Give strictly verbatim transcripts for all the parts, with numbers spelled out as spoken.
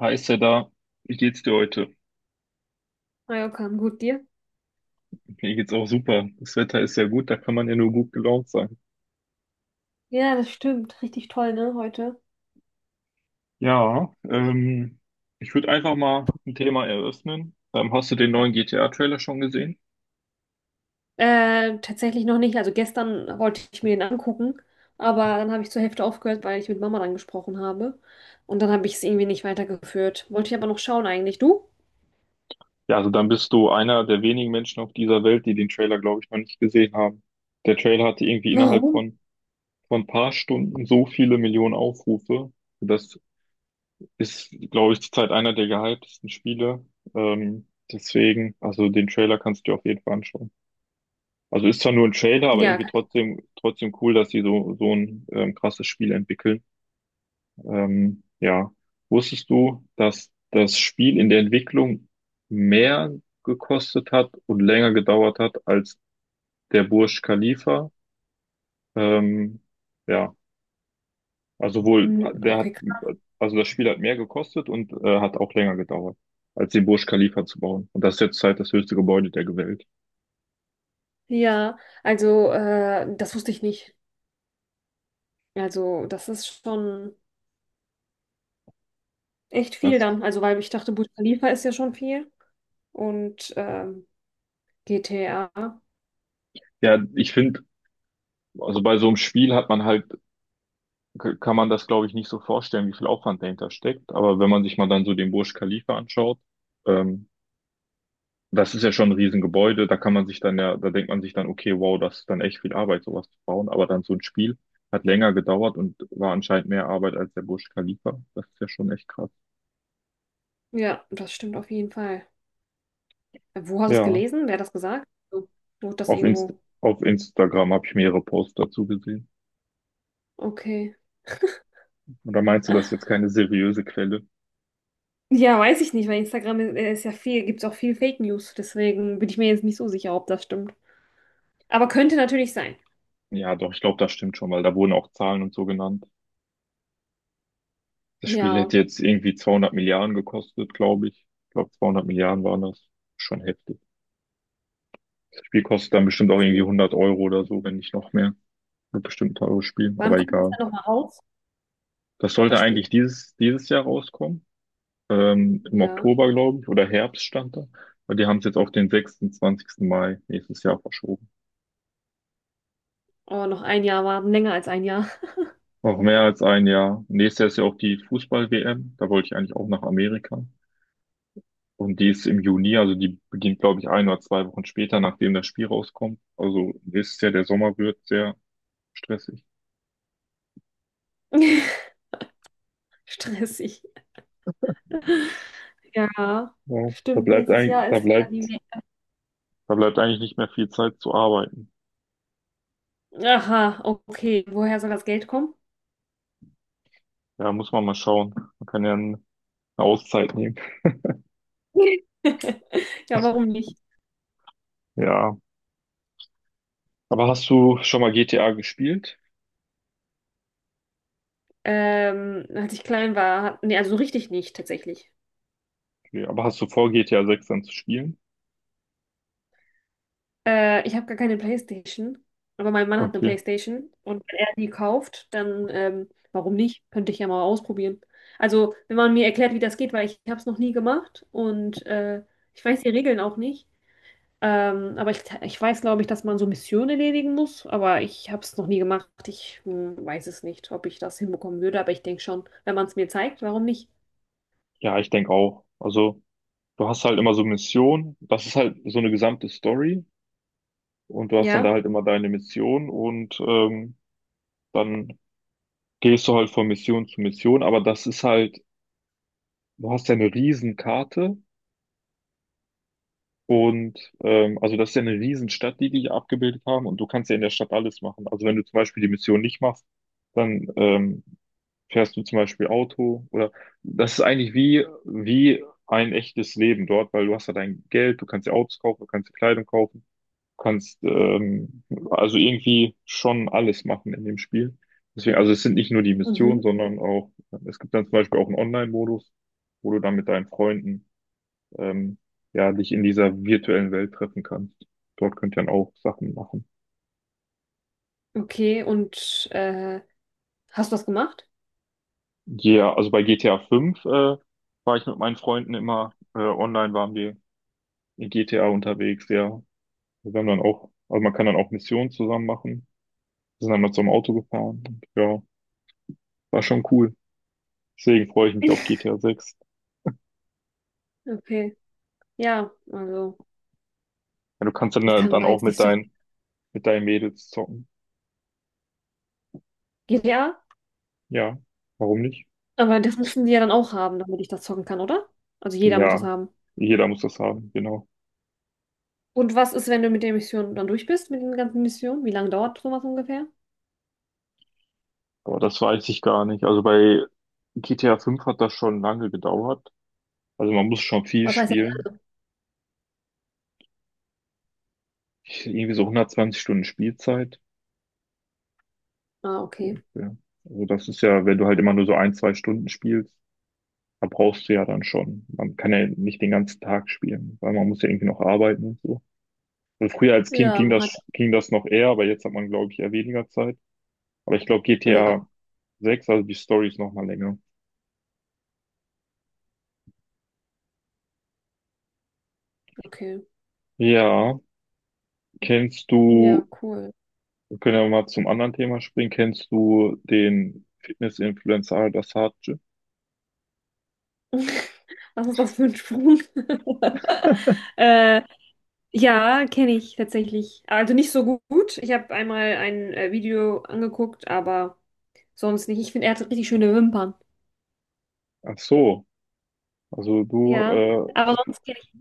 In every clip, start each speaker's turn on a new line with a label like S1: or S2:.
S1: Heißt ja da, wie geht's dir heute?
S2: Mallorca, gut dir?
S1: Mir geht's auch super. Das Wetter ist sehr gut, da kann man ja nur gut gelaunt sein.
S2: Ja, das stimmt. Richtig toll, ne, heute.
S1: Ja, ähm, ich würde einfach mal ein Thema eröffnen. Ähm, hast du den neuen G T A-Trailer schon gesehen?
S2: Äh, tatsächlich noch nicht. Also gestern wollte ich mir den angucken, aber dann habe ich zur Hälfte aufgehört, weil ich mit Mama dann gesprochen habe. Und dann habe ich es irgendwie nicht weitergeführt. Wollte ich aber noch schauen eigentlich. Du?
S1: Ja, also dann bist du einer der wenigen Menschen auf dieser Welt, die den Trailer, glaube ich, noch nicht gesehen haben. Der Trailer hatte irgendwie innerhalb
S2: Warum?
S1: von, von ein paar Stunden so viele Millionen Aufrufe. Das ist, glaube ich, zurzeit einer der gehyptesten Spiele. Ähm, Deswegen, also den Trailer kannst du dir auf jeden Fall anschauen. Also ist zwar nur ein Trailer, aber
S2: Ja,
S1: irgendwie
S2: keine-
S1: trotzdem, trotzdem cool, dass sie so, so ein ähm, krasses Spiel entwickeln. Ähm, ja. Wusstest du, dass das Spiel in der Entwicklung mehr gekostet hat und länger gedauert hat als der Burj Khalifa? Ähm, ja, also wohl,
S2: hm,
S1: der hat,
S2: okay, krass.
S1: also das Spiel hat mehr gekostet und äh, hat auch länger gedauert, als den Burj Khalifa zu bauen. Und das ist jetzt halt das höchste Gebäude der Welt.
S2: Ja, also äh, das wusste ich nicht. Also das ist schon echt viel
S1: Das,
S2: dann. Also weil ich dachte, Burj Khalifa ist ja schon viel. Und ähm, G T A.
S1: ja, ich finde, also bei so einem Spiel hat man halt k- kann man das, glaube ich, nicht so vorstellen, wie viel Aufwand dahinter steckt. Aber wenn man sich mal dann so den Burj Khalifa anschaut, ähm, das ist ja schon ein Riesengebäude, da kann man sich dann ja, da denkt man sich dann, okay, wow, das ist dann echt viel Arbeit, sowas zu bauen. Aber dann so ein Spiel hat länger gedauert und war anscheinend mehr Arbeit als der Burj Khalifa. Das ist ja schon echt krass.
S2: Ja, das stimmt auf jeden Fall. Wo hast du es
S1: Ja,
S2: gelesen? Wer hat das gesagt? So, Wurde das
S1: auf Inst
S2: irgendwo?
S1: auf Instagram habe ich mehrere Posts dazu gesehen.
S2: Okay.
S1: Oder meinst du, das ist jetzt keine seriöse Quelle?
S2: Ja, weiß ich nicht, weil Instagram ist, äh, ist ja viel, gibt es auch viel Fake News. Deswegen bin ich mir jetzt nicht so sicher, ob das stimmt. Aber könnte natürlich sein.
S1: Ja, doch, ich glaube, das stimmt schon, weil da wurden auch Zahlen und so genannt. Das Spiel
S2: Ja,
S1: hätte jetzt irgendwie zweihundert Milliarden gekostet, glaube ich. Ich glaube, zweihundert Milliarden waren das. Schon heftig. Das Spiel kostet dann bestimmt auch
S2: auf jeden
S1: irgendwie
S2: Fall.
S1: hundert Euro oder so, wenn nicht noch mehr. Wird bestimmt ein teures Spiel,
S2: Wann
S1: aber
S2: kommt das
S1: egal.
S2: dann nochmal raus,
S1: Das sollte
S2: das Spiel?
S1: eigentlich dieses, dieses Jahr rauskommen. Ähm, im
S2: Ja.
S1: Oktober, glaube ich, oder Herbst stand da. Aber die haben es jetzt auf den sechsundzwanzigsten Mai Mai nächstes Jahr verschoben.
S2: Oh, noch ein Jahr warten, länger als ein Jahr.
S1: Auch mehr als ein Jahr. Nächstes Jahr ist ja auch die Fußball-W M. Da wollte ich eigentlich auch nach Amerika. Und die ist im Juni, also die beginnt, glaube ich, ein oder zwei Wochen später, nachdem das Spiel rauskommt. Also ihr wisst ja, der Sommer wird sehr stressig.
S2: Stressig. Ja,
S1: Ja, da
S2: stimmt.
S1: bleibt
S2: Nächstes
S1: eigentlich,
S2: Jahr
S1: da
S2: ist ja
S1: bleibt,
S2: die W M.
S1: da bleibt eigentlich nicht mehr viel Zeit zu arbeiten.
S2: Aha, okay. Woher soll das Geld kommen?
S1: Ja, muss man mal schauen. Man kann ja eine Auszeit nehmen.
S2: Ja, warum nicht?
S1: Ja, aber hast du schon mal G T A gespielt?
S2: Ähm, als ich klein war, hat, nee, also so richtig nicht tatsächlich.
S1: Okay, aber hast du vor, G T A sechs dann zu spielen?
S2: Äh, ich habe gar keine PlayStation, aber mein Mann hat eine
S1: Okay.
S2: PlayStation und wenn er die kauft, dann ähm, warum nicht? Könnte ich ja mal ausprobieren. Also, wenn man mir erklärt, wie das geht, weil ich habe es noch nie gemacht und äh, ich weiß die Regeln auch nicht. Ähm, aber ich, ich weiß, glaube ich, dass man so Missionen erledigen muss, aber ich habe es noch nie gemacht. Ich hm, weiß es nicht, ob ich das hinbekommen würde, aber ich denke schon, wenn man es mir zeigt, warum nicht?
S1: Ja, ich denke auch. Also, du hast halt immer so Missionen. Das ist halt so eine gesamte Story. Und du hast dann da
S2: Ja.
S1: halt immer deine Mission und ähm, dann gehst du halt von Mission zu Mission, aber das ist halt, du hast ja eine Riesenkarte und ähm, also das ist ja eine Riesenstadt, die die hier abgebildet haben und du kannst ja in der Stadt alles machen. Also wenn du zum Beispiel die Mission nicht machst, dann ähm, fährst du zum Beispiel Auto oder das ist eigentlich wie, wie ein echtes Leben dort, weil du hast ja dein Geld, du kannst dir Autos kaufen, du kannst dir Kleidung kaufen. kannst ähm, also irgendwie schon alles machen in dem Spiel. Deswegen, also es sind nicht nur die Missionen,
S2: Mhm.
S1: sondern auch, es gibt dann zum Beispiel auch einen Online-Modus, wo du dann mit deinen Freunden ähm, ja dich in dieser virtuellen Welt treffen kannst. Dort könnt ihr dann auch Sachen machen.
S2: Okay, und äh, hast du das gemacht?
S1: Ja, also bei G T A fünf äh, war ich mit meinen Freunden immer äh, online, waren wir in G T A unterwegs, ja. Wir haben dann auch, also man kann dann auch Missionen zusammen machen. Wir sind dann mal zum Auto gefahren. Und, ja, war schon cool. Deswegen freue ich mich auf G T A sechs.
S2: Okay. Ja, also
S1: Ja, du kannst dann,
S2: ich
S1: äh,
S2: kann
S1: dann
S2: da
S1: auch
S2: jetzt nicht
S1: mit
S2: so
S1: deinen, mit deinen Mädels zocken.
S2: viel. Ja,
S1: Ja, warum nicht?
S2: aber das müssen die ja dann auch haben, damit ich das zocken kann, oder? Also jeder muss das
S1: Ja,
S2: haben.
S1: jeder muss das haben, genau.
S2: Und was ist, wenn du mit der Mission dann durch bist, mit den ganzen Missionen? Wie lange dauert sowas ungefähr?
S1: Aber das weiß ich gar nicht. Also bei G T A fünf hat das schon lange gedauert. Also man muss schon viel
S2: Was heißt denn?
S1: spielen. Irgendwie so hundertzwanzig Stunden Spielzeit.
S2: Ah,
S1: So,
S2: okay.
S1: Ja. Also das ist ja, wenn du halt immer nur so ein, zwei Stunden spielst, da brauchst du ja dann schon. Man kann ja nicht den ganzen Tag spielen, weil man muss ja irgendwie noch arbeiten und so. Also früher als Kind
S2: Ja,
S1: ging
S2: man hat.
S1: das, ging das noch eher, aber jetzt hat man, glaube ich, eher weniger Zeit. Aber ich glaube,
S2: Ja,
S1: G T A sechs, also die Story ist noch mal länger.
S2: okay.
S1: Ja, kennst
S2: Ja,
S1: du,
S2: cool.
S1: wir können ja mal zum anderen Thema springen, kennst du den Fitness-Influencer Al-Dassaadje?
S2: Was ist das für ein Sprung? äh, ja, kenne ich tatsächlich. Also nicht so gut. Ich habe einmal ein äh, Video angeguckt, aber sonst nicht. Ich finde, er hat richtig schöne Wimpern.
S1: Ach so, also du,
S2: Ja,
S1: äh,
S2: aber sonst kenne ich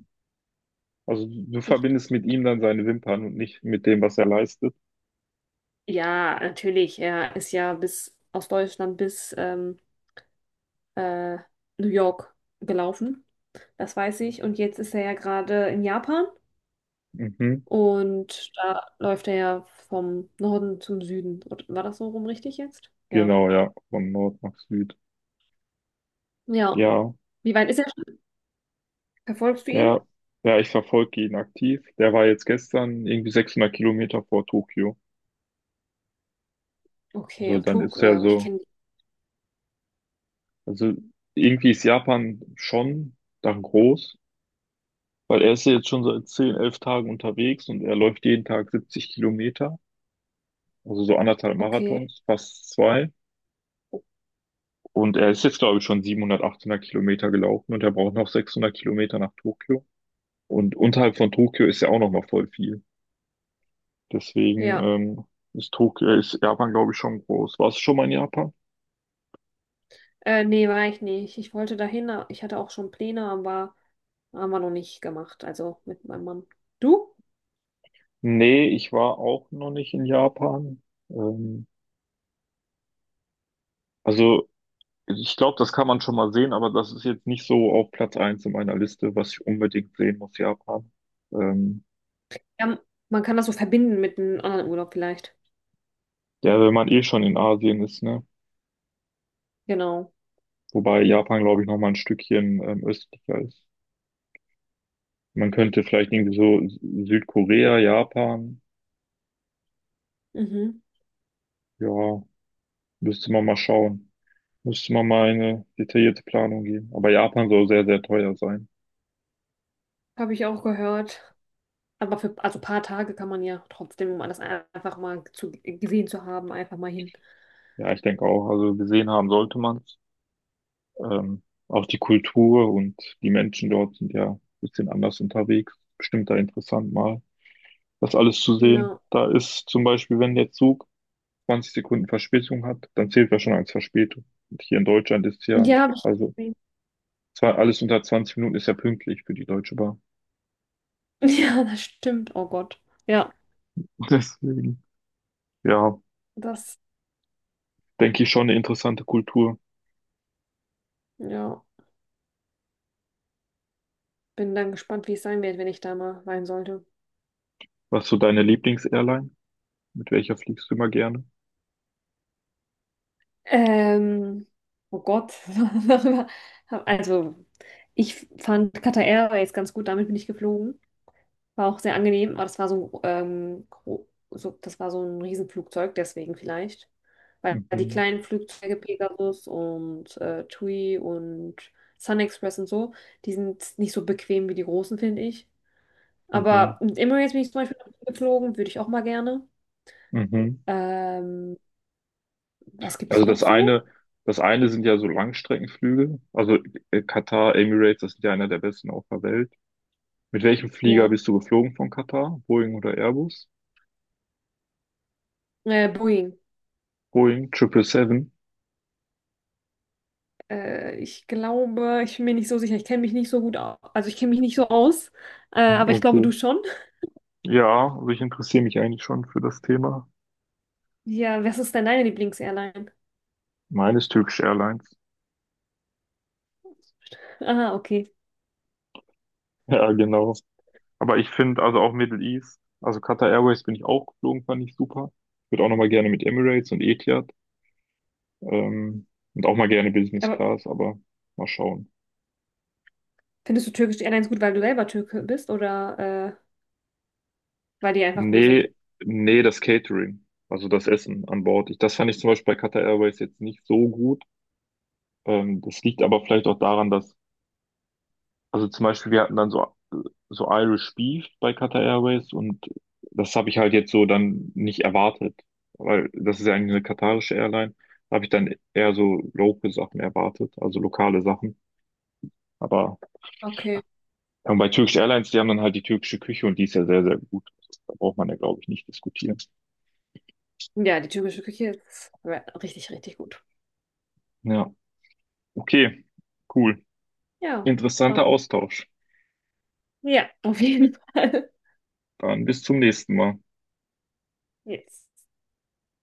S1: also du
S2: ihn nicht.
S1: verbindest mit ihm dann seine Wimpern und nicht mit dem, was er leistet.
S2: Ja, natürlich. Er ist ja bis aus Deutschland bis ähm, äh, New York gelaufen. Das weiß ich. Und jetzt ist er ja gerade in Japan
S1: Mhm.
S2: und da läuft er ja vom Norden zum Süden. Und war das so rum richtig jetzt? Ja.
S1: Genau, ja, von Nord nach Süd.
S2: Ja.
S1: Ja,
S2: Wie weit ist er schon? Verfolgst du ihn?
S1: der, ja, ich verfolge ihn aktiv. Der war jetzt gestern irgendwie sechshundert Kilometer vor Tokio.
S2: Okay,
S1: So,
S2: und
S1: dann
S2: Tok,
S1: ist ja
S2: äh, ich
S1: so,
S2: kenne.
S1: also irgendwie ist Japan schon dann groß, weil er ist ja jetzt schon seit zehn elf Tagen unterwegs und er läuft jeden Tag siebzig Kilometer, also so anderthalb
S2: Okay.
S1: Marathons, fast zwei. Und er ist jetzt, glaube ich, schon siebenhundert, achthundert Kilometer gelaufen und er braucht noch sechshundert Kilometer nach Tokio. Und unterhalb von Tokio ist ja auch noch mal voll viel. Deswegen
S2: Ja.
S1: ähm, ist Tokio, ist Japan, glaube ich, schon groß. Warst du schon mal in Japan?
S2: Äh, nee, war ich nicht. Ich wollte dahin, a- ich hatte auch schon Pläne, aber haben wir noch nicht gemacht. Also mit meinem Mann. Du?
S1: Nee, ich war auch noch nicht in Japan. Ähm, also Ich glaube, das kann man schon mal sehen, aber das ist jetzt nicht so auf Platz eins in meiner Liste, was ich unbedingt sehen muss, Japan. Ähm,
S2: Ja, man kann das so verbinden mit einem anderen Urlaub vielleicht.
S1: ja, wenn man eh schon in Asien ist, ne?
S2: Genau.
S1: Wobei Japan, glaube ich, noch mal ein Stückchen ähm, östlicher ist. Man könnte vielleicht irgendwie so Sü- Südkorea, Japan,
S2: Mhm.
S1: ja, müsste man mal schauen. Müsste man mal eine detaillierte Planung geben. Aber Japan soll sehr, sehr teuer sein.
S2: Habe ich auch gehört. Aber für also ein paar Tage kann man ja trotzdem, um alles ein- einfach mal zu, gesehen zu haben, einfach mal hin.
S1: Ja, ich denke auch. Also gesehen haben sollte man. Ähm, auch die Kultur und die Menschen dort sind ja ein bisschen anders unterwegs. Bestimmt da interessant mal, das alles zu sehen.
S2: Ja.
S1: Da ist zum Beispiel, wenn der Zug zwanzig Sekunden Verspätung hat, dann zählt er schon als Verspätung. Und hier in Deutschland ist ja,
S2: Ja, hab ich
S1: also
S2: gesehen.
S1: zwar alles unter zwanzig Minuten ist ja pünktlich für die Deutsche Bahn.
S2: Ja, das stimmt. Oh Gott. Ja,
S1: Deswegen, ja,
S2: das,
S1: denke ich schon eine interessante Kultur.
S2: ja. Bin dann gespannt, wie es sein wird, wenn ich da mal sein sollte.
S1: Was ist so deine Lieblingsairline? Mit welcher fliegst du immer gerne?
S2: Ähm, oh Gott, darüber. Also, ich fand Qatar Airways ganz gut, damit bin ich geflogen. War auch sehr angenehm, aber das war so, ähm, gro- so, das war so ein Riesenflugzeug, deswegen vielleicht. Weil die
S1: Mhm,
S2: kleinen Flugzeuge Pegasus und äh, T U I und Sun Express und so, die sind nicht so bequem wie die großen, finde ich.
S1: mhm,
S2: Aber mit Emirates bin ich zum Beispiel geflogen, würde ich auch mal gerne.
S1: mhm. Mhm.
S2: Ähm, Was gibt's
S1: Also
S2: noch
S1: das
S2: so?
S1: eine, das eine sind ja so Langstreckenflüge. Also äh, Katar, Emirates, das sind ja einer der besten auf der Welt. Mit welchem Flieger
S2: Ja,
S1: bist du geflogen von Katar? Boeing oder Airbus?
S2: äh, Boeing.
S1: Boeing triple seven.
S2: Äh, ich glaube, ich bin mir nicht so sicher. Ich kenne mich nicht so gut aus. Also ich kenne mich nicht so aus, äh, aber ich glaube,
S1: Okay.
S2: du schon.
S1: Ja, also ich interessiere mich eigentlich schon für das Thema.
S2: Ja, was ist denn deine Lieblingsairline?
S1: Meines Turkish Airlines.
S2: Aha, okay.
S1: Ja, genau. Aber ich finde, also auch Middle East, also Qatar Airways bin ich auch geflogen, fand ich super. Würde auch nochmal gerne mit Emirates und Etihad, ähm, und auch mal gerne Business
S2: Aber
S1: Class, aber mal schauen.
S2: findest du türkische Airlines gut, weil du selber Türke bist oder äh, weil die einfach gut sind?
S1: Nee, nee, das Catering, also das Essen an Bord. Ich, das fand ich zum Beispiel bei Qatar Airways jetzt nicht so gut. Ähm, das liegt aber vielleicht auch daran, dass, also zum Beispiel, wir hatten dann so, so Irish Beef bei Qatar Airways und das habe ich halt jetzt so dann nicht erwartet, weil das ist ja eigentlich eine katarische Airline. Da habe ich dann eher so local Sachen erwartet, also lokale Sachen. Aber
S2: Okay.
S1: ähm, bei Turkish Airlines, die haben dann halt die türkische Küche und die ist ja sehr, sehr gut. Da braucht man ja, glaube ich, nicht diskutieren.
S2: Ja, die türkische Küche ist re- richtig, richtig gut.
S1: Ja, okay, cool.
S2: Ja,
S1: Interessanter
S2: super.
S1: Austausch.
S2: Ja, auf jeden Fall.
S1: Dann bis zum nächsten Mal.
S2: Yes.